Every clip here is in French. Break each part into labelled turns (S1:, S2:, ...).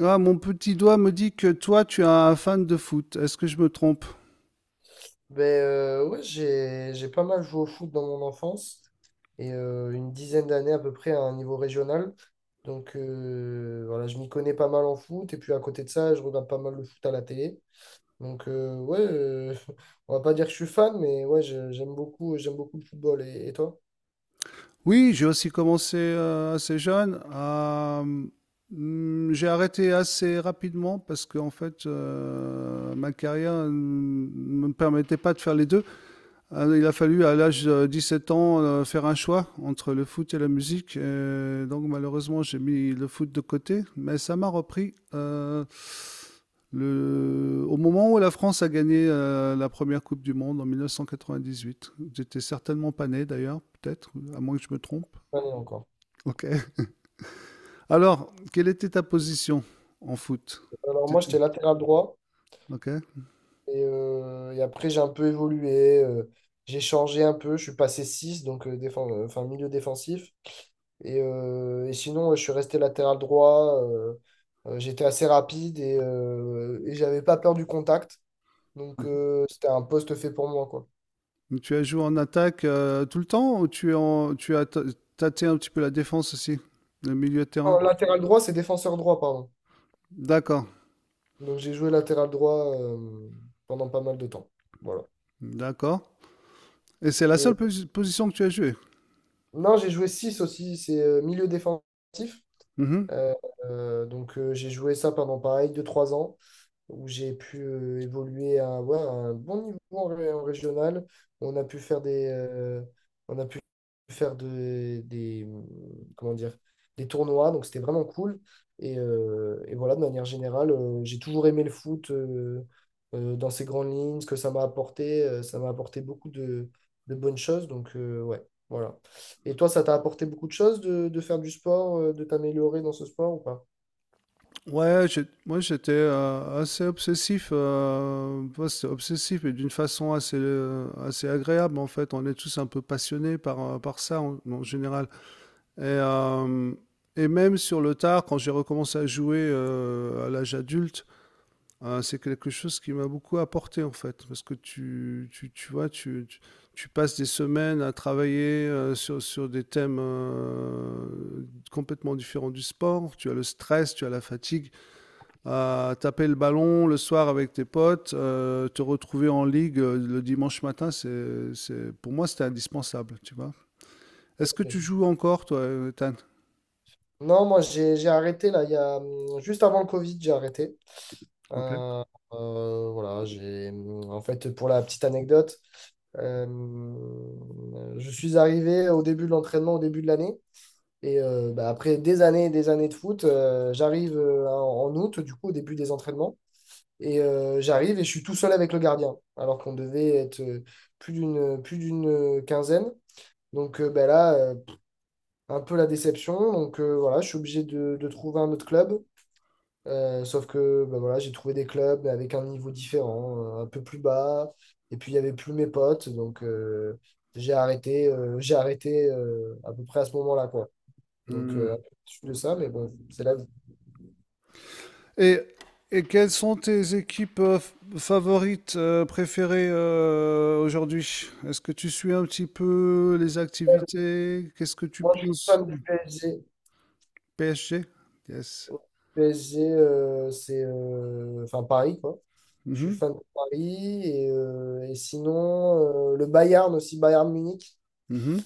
S1: Ah, mon petit doigt me dit que toi, tu es un fan de foot. Est-ce que je me trompe?
S2: Ben ouais, j'ai pas mal joué au foot dans mon enfance et une dizaine d'années à peu près à un niveau régional. Donc, voilà, je m'y connais pas mal en foot et puis à côté de ça, je regarde pas mal le foot à la télé. Donc, ouais, on va pas dire que je suis fan, mais ouais, j'aime beaucoup le football. Et toi?
S1: Oui, j'ai aussi commencé assez jeune. J'ai arrêté assez rapidement parce que en fait, ma carrière ne me permettait pas de faire les deux. Il a fallu à l'âge de 7 ans faire un choix entre le foot et la musique. Et donc malheureusement j'ai mis le foot de côté, mais ça m'a repris. Au moment où la France a gagné la première Coupe du Monde en 1998, j'étais certainement pas né d'ailleurs, peut-être, à moins que je me trompe.
S2: Pas né encore.
S1: Ok. Alors, quelle était ta position en foot?
S2: Alors moi,
S1: C'était-
S2: j'étais latéral droit
S1: Ok.
S2: et après j'ai un peu évolué, j'ai changé un peu, je suis passé 6 donc enfin, milieu défensif. Et sinon, ouais, je suis resté latéral droit. J'étais assez rapide et j'avais pas peur du contact. Donc, c'était un poste fait pour moi, quoi.
S1: Donc, tu as joué en attaque tout le temps ou tu, es en, tu as ta- tâté un petit peu la défense aussi, le milieu de terrain?
S2: Non, latéral droit, c'est défenseur droit, pardon.
S1: D'accord,
S2: Donc, j'ai joué latéral droit pendant pas mal de temps. Voilà.
S1: d'accord. Et c'est la seule
S2: Et
S1: position que tu as jouée?
S2: non, j'ai joué 6 aussi, c'est milieu défensif.
S1: Mhm.
S2: Euh, donc, j'ai joué ça pendant pareil deux trois ans où j'ai pu évoluer à, ouais, à un bon niveau en, en régional. On a pu faire des, on a pu faire de- des, comment dire, des tournois, donc c'était vraiment cool. Et voilà, de manière générale, j'ai toujours aimé le foot dans ses grandes lignes, ce que ça m'a apporté beaucoup de bonnes choses. Donc, ouais, voilà. Et toi, ça t'a apporté beaucoup de choses de faire du sport, de t'améliorer dans ce sport ou pas?
S1: Ouais, moi j'étais assez obsessif, ouais, c'est obsessif et d'une façon assez agréable en fait. On est tous un peu passionnés par, par ça en général. Et, euh, et même sur le tard, quand j'ai recommencé à jouer à l'âge adulte, c'est quelque chose qui m'a beaucoup apporté en fait, parce que tu vois, tu passes des semaines à travailler sur des thèmes complètement différents du sport, tu as le stress, tu as la fatigue, à taper le ballon le soir avec tes potes, te retrouver en ligue le dimanche matin, pour moi c'était indispensable, tu vois. Est-ce que
S2: Ok.
S1: tu joues encore toi, Ethan?
S2: Non, moi j'ai arrêté là, il y a, juste avant le Covid, j'ai arrêté.
S1: Ok.
S2: Euh, voilà, en fait, pour la petite anecdote, je suis arrivé au début de l'entraînement, au début de l'année, et bah, après des années et des années de foot, j'arrive en août, du coup, au début des entraînements, et j'arrive et je suis tout seul avec le gardien, alors qu'on devait être plus d'une quinzaine. Donc, bah, là, un peu la déception. Donc, voilà, je suis obligé de trouver un autre club. Sauf que bah voilà, j'ai trouvé des clubs mais avec un niveau différent, un peu plus bas. Et puis il n'y avait plus mes potes. Donc, j'ai arrêté à peu près à ce moment-là, quoi. Donc, un peu de ça, mais bon, c'est la vie.
S1: Et, et quelles sont tes équipes favorites, préférées aujourd'hui? Est-ce que tu suis un petit peu les activités? Qu'est-ce que tu
S2: Moi, je suis
S1: penses
S2: fan du
S1: du
S2: PSG.
S1: PSG? Yes.
S2: PSG, c'est enfin Paris, quoi. Je suis
S1: Mhm,
S2: fan de Paris. Et sinon, le Bayern aussi, Bayern Munich.
S1: mhm.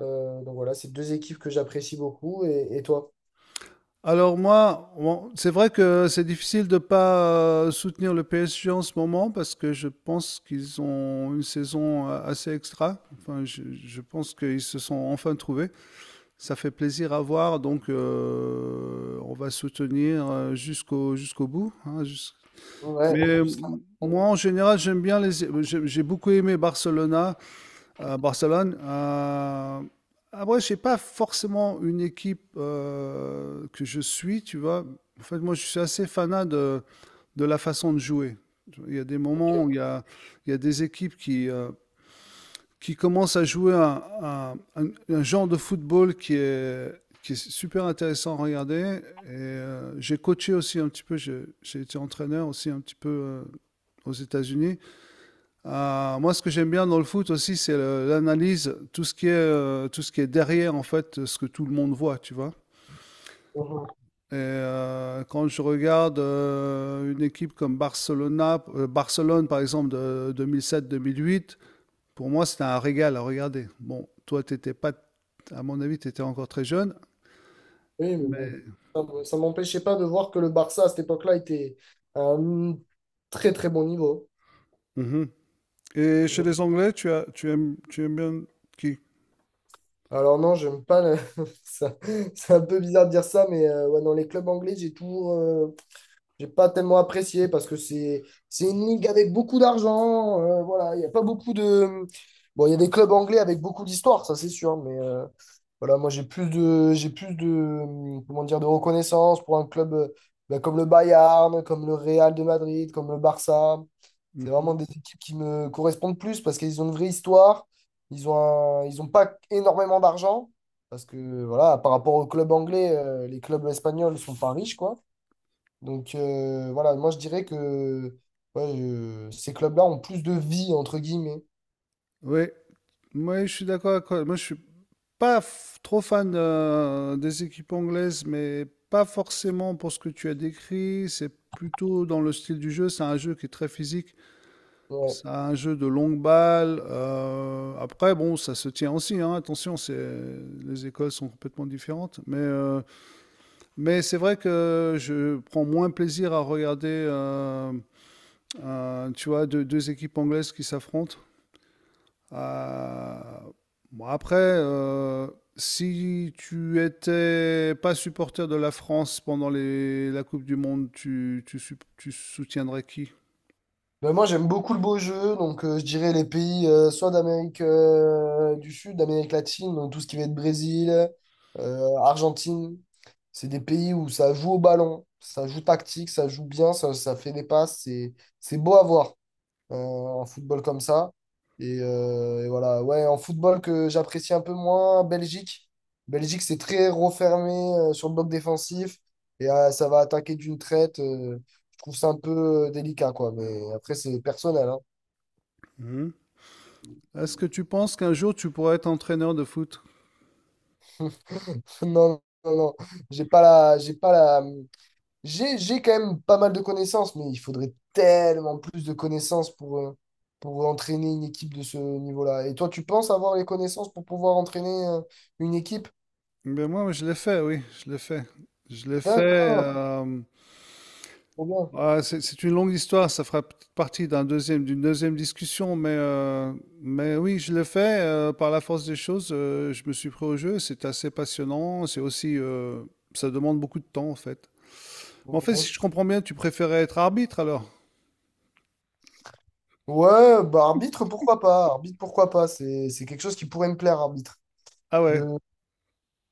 S2: Donc voilà, c'est deux équipes que j'apprécie beaucoup. Et toi?
S1: Alors moi, bon, c'est vrai que c'est difficile de pas soutenir le PSG en ce moment parce que je pense qu'ils ont une saison assez extra. Enfin, je pense qu'ils se sont enfin trouvés. Ça fait plaisir à voir, donc on va soutenir jusqu'au bout, hein.
S2: Ouais,
S1: Mais
S2: c'est ça,
S1: moi, en général, j'aime bien les. J'ai beaucoup aimé Barcelona, Barcelone. Après, j'ai pas forcément une équipe que je suis, tu vois. En fait, moi, je suis assez fanat de la façon de jouer. Il y a des moments où il y a des équipes qui commence à jouer un genre de football qui est super intéressant à regarder. Et j'ai coaché aussi un petit peu, j'ai été entraîneur aussi un petit peu aux États-Unis. Moi, ce que j'aime bien dans le foot aussi, c'est l'analyse, tout ce qui est, tout ce qui est derrière, en fait, ce que tout le monde voit, tu vois.
S2: ok.
S1: Et quand je regarde une équipe comme Barcelona, Barcelone, par exemple, de 2007-2008, pour moi, c'était un régal à regarder. Bon, toi, t'étais pas, à mon avis, tu étais encore très jeune,
S2: Oui, mais bon,
S1: mais.
S2: ça m'empêchait pas de voir que le Barça à cette époque-là était à un très très bon niveau.
S1: Mhm. Et chez les Anglais, tu aimes bien qui?
S2: Alors non, j'aime pas ça. C'est un peu bizarre de dire ça, mais ouais, dans les clubs anglais, j'ai pas tellement apprécié parce que c'est une ligue avec beaucoup d'argent. Voilà, il n'y a pas beaucoup de. Bon, il y a des clubs anglais avec beaucoup d'histoire, ça c'est sûr, mais voilà, moi j'ai plus de comment dire de reconnaissance pour un club bah, comme le Bayern, comme le Real de Madrid, comme le Barça. C'est vraiment
S1: Mhm.
S2: des équipes qui me correspondent plus parce qu'ils ont une vraie histoire. Ils ont pas énormément d'argent parce que voilà, par rapport aux clubs anglais, les clubs espagnols sont pas riches quoi. Donc, voilà, moi je dirais que ouais, ces clubs-là ont plus de vie, entre guillemets.
S1: Oui, moi, je suis d'accord avec toi. Moi, je suis pas trop fan des équipes anglaises, mais pas forcément pour ce que tu as décrit. C'est plutôt dans le style du jeu. C'est un jeu qui est très physique.
S2: Ouais.
S1: C'est un jeu de longue balle. Après, bon, ça se tient aussi, hein. Attention, c'est les écoles sont complètement différentes, mais c'est vrai que je prends moins plaisir à regarder, tu vois, deux équipes anglaises qui s'affrontent. Euh, bon, après, euh, Si tu étais pas supporter de la France pendant la Coupe du Monde, tu soutiendrais qui?
S2: Mais moi j'aime beaucoup le beau jeu, donc, je dirais les pays soit d'Amérique du Sud, d'Amérique latine, donc tout ce qui va être Brésil, Argentine. C'est des pays où ça joue au ballon, ça joue tactique, ça joue bien, ça fait des passes, c'est beau à voir. En football comme ça. Et voilà, ouais, en football que j'apprécie un peu moins, Belgique. Belgique, c'est très refermé sur le bloc défensif et ça va attaquer d'une traite. Je trouve ça un peu délicat, quoi. Mais après, c'est personnel, hein.
S1: Mhm. Est-ce que tu penses qu'un jour tu pourrais être entraîneur de foot?
S2: Non, non, non, j'ai pas la, j'ai pas la, j'ai quand même pas mal de connaissances, mais il faudrait tellement plus de connaissances pour entraîner une équipe de ce niveau-là. Et toi, tu penses avoir les connaissances pour pouvoir entraîner une équipe?
S1: Ben moi, je l'ai fait, oui, je l'ai fait. Je l'ai fait.
S2: D'accord. Trop bien.
S1: Ouais, c'est une longue histoire, ça fera peut-être partie d'un deuxième, d'une deuxième discussion, mais oui, je l'ai fait par la force des choses. Je me suis pris au jeu, c'est assez passionnant, c'est aussi, ça demande beaucoup de temps en fait. Mais en fait, si
S2: Ok.
S1: je comprends bien, tu préférais être arbitre alors?
S2: Ouais, bah arbitre, pourquoi pas? Arbitre, pourquoi pas? C'est quelque chose qui pourrait me plaire, arbitre.
S1: Ah ouais,
S2: De-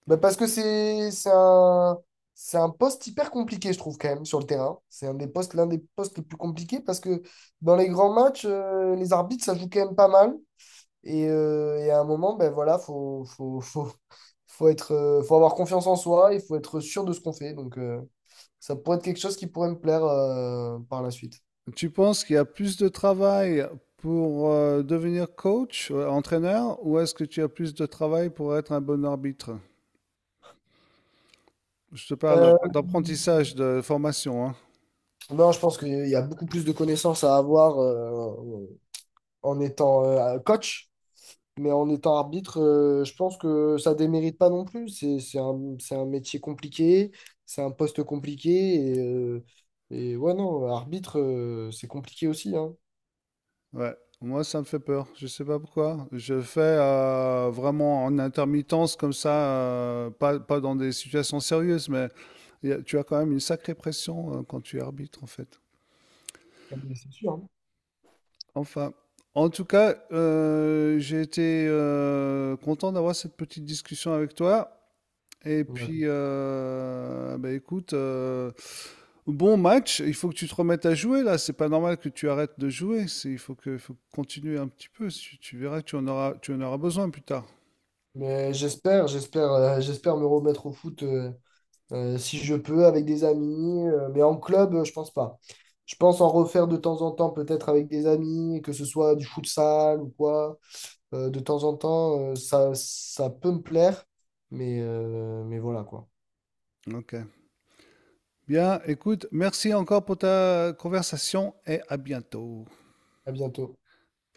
S2: Bah, parce que c'est un poste hyper compliqué, je trouve, quand même, sur le terrain. C'est un des postes, l'un des postes les plus compliqués parce que dans les grands matchs, les arbitres, ça joue quand même pas mal. Et à un moment, ben voilà, faut avoir confiance en soi, il faut être sûr de ce qu'on fait. Donc, ça pourrait être quelque chose qui pourrait me plaire, par la suite.
S1: tu penses qu'il y a plus de travail pour devenir coach, entraîneur, ou est-ce que tu as plus de travail pour être un bon arbitre? Je te parle
S2: Euh,
S1: d'apprentissage, de formation, hein.
S2: Non, je pense qu'il y a beaucoup plus de connaissances à avoir en étant coach, mais en étant arbitre, je pense que ça démérite pas non plus. C'est un métier compliqué, c'est un poste compliqué, et ouais, non, arbitre, c'est compliqué aussi, hein.
S1: Ouais, moi ça me fait peur. Je sais pas pourquoi. Je fais vraiment en intermittence comme ça, pas dans des situations sérieuses, mais tu as quand même une sacrée pression quand tu arbitres en fait.
S2: Ah, mais c'est sûr, hein.
S1: Enfin, en tout cas, j'ai été content d'avoir cette petite discussion avec toi. Et
S2: Ouais.
S1: puis, bah écoute, bon match. Il faut que tu te remettes à jouer là. C'est pas normal que tu arrêtes de jouer. Il faut faut continuer un petit peu. Tu verras, tu en auras besoin plus tard.
S2: Mais j'espère me remettre au foot. Si je peux, avec des amis. Mais en club, je pense pas. Je pense en refaire de temps en temps, peut-être avec des amis, que ce soit du futsal ou quoi. De temps en temps, ça peut me plaire. Mais voilà quoi.
S1: Ok. Bien, écoute, merci encore pour ta conversation et à bientôt.
S2: À bientôt.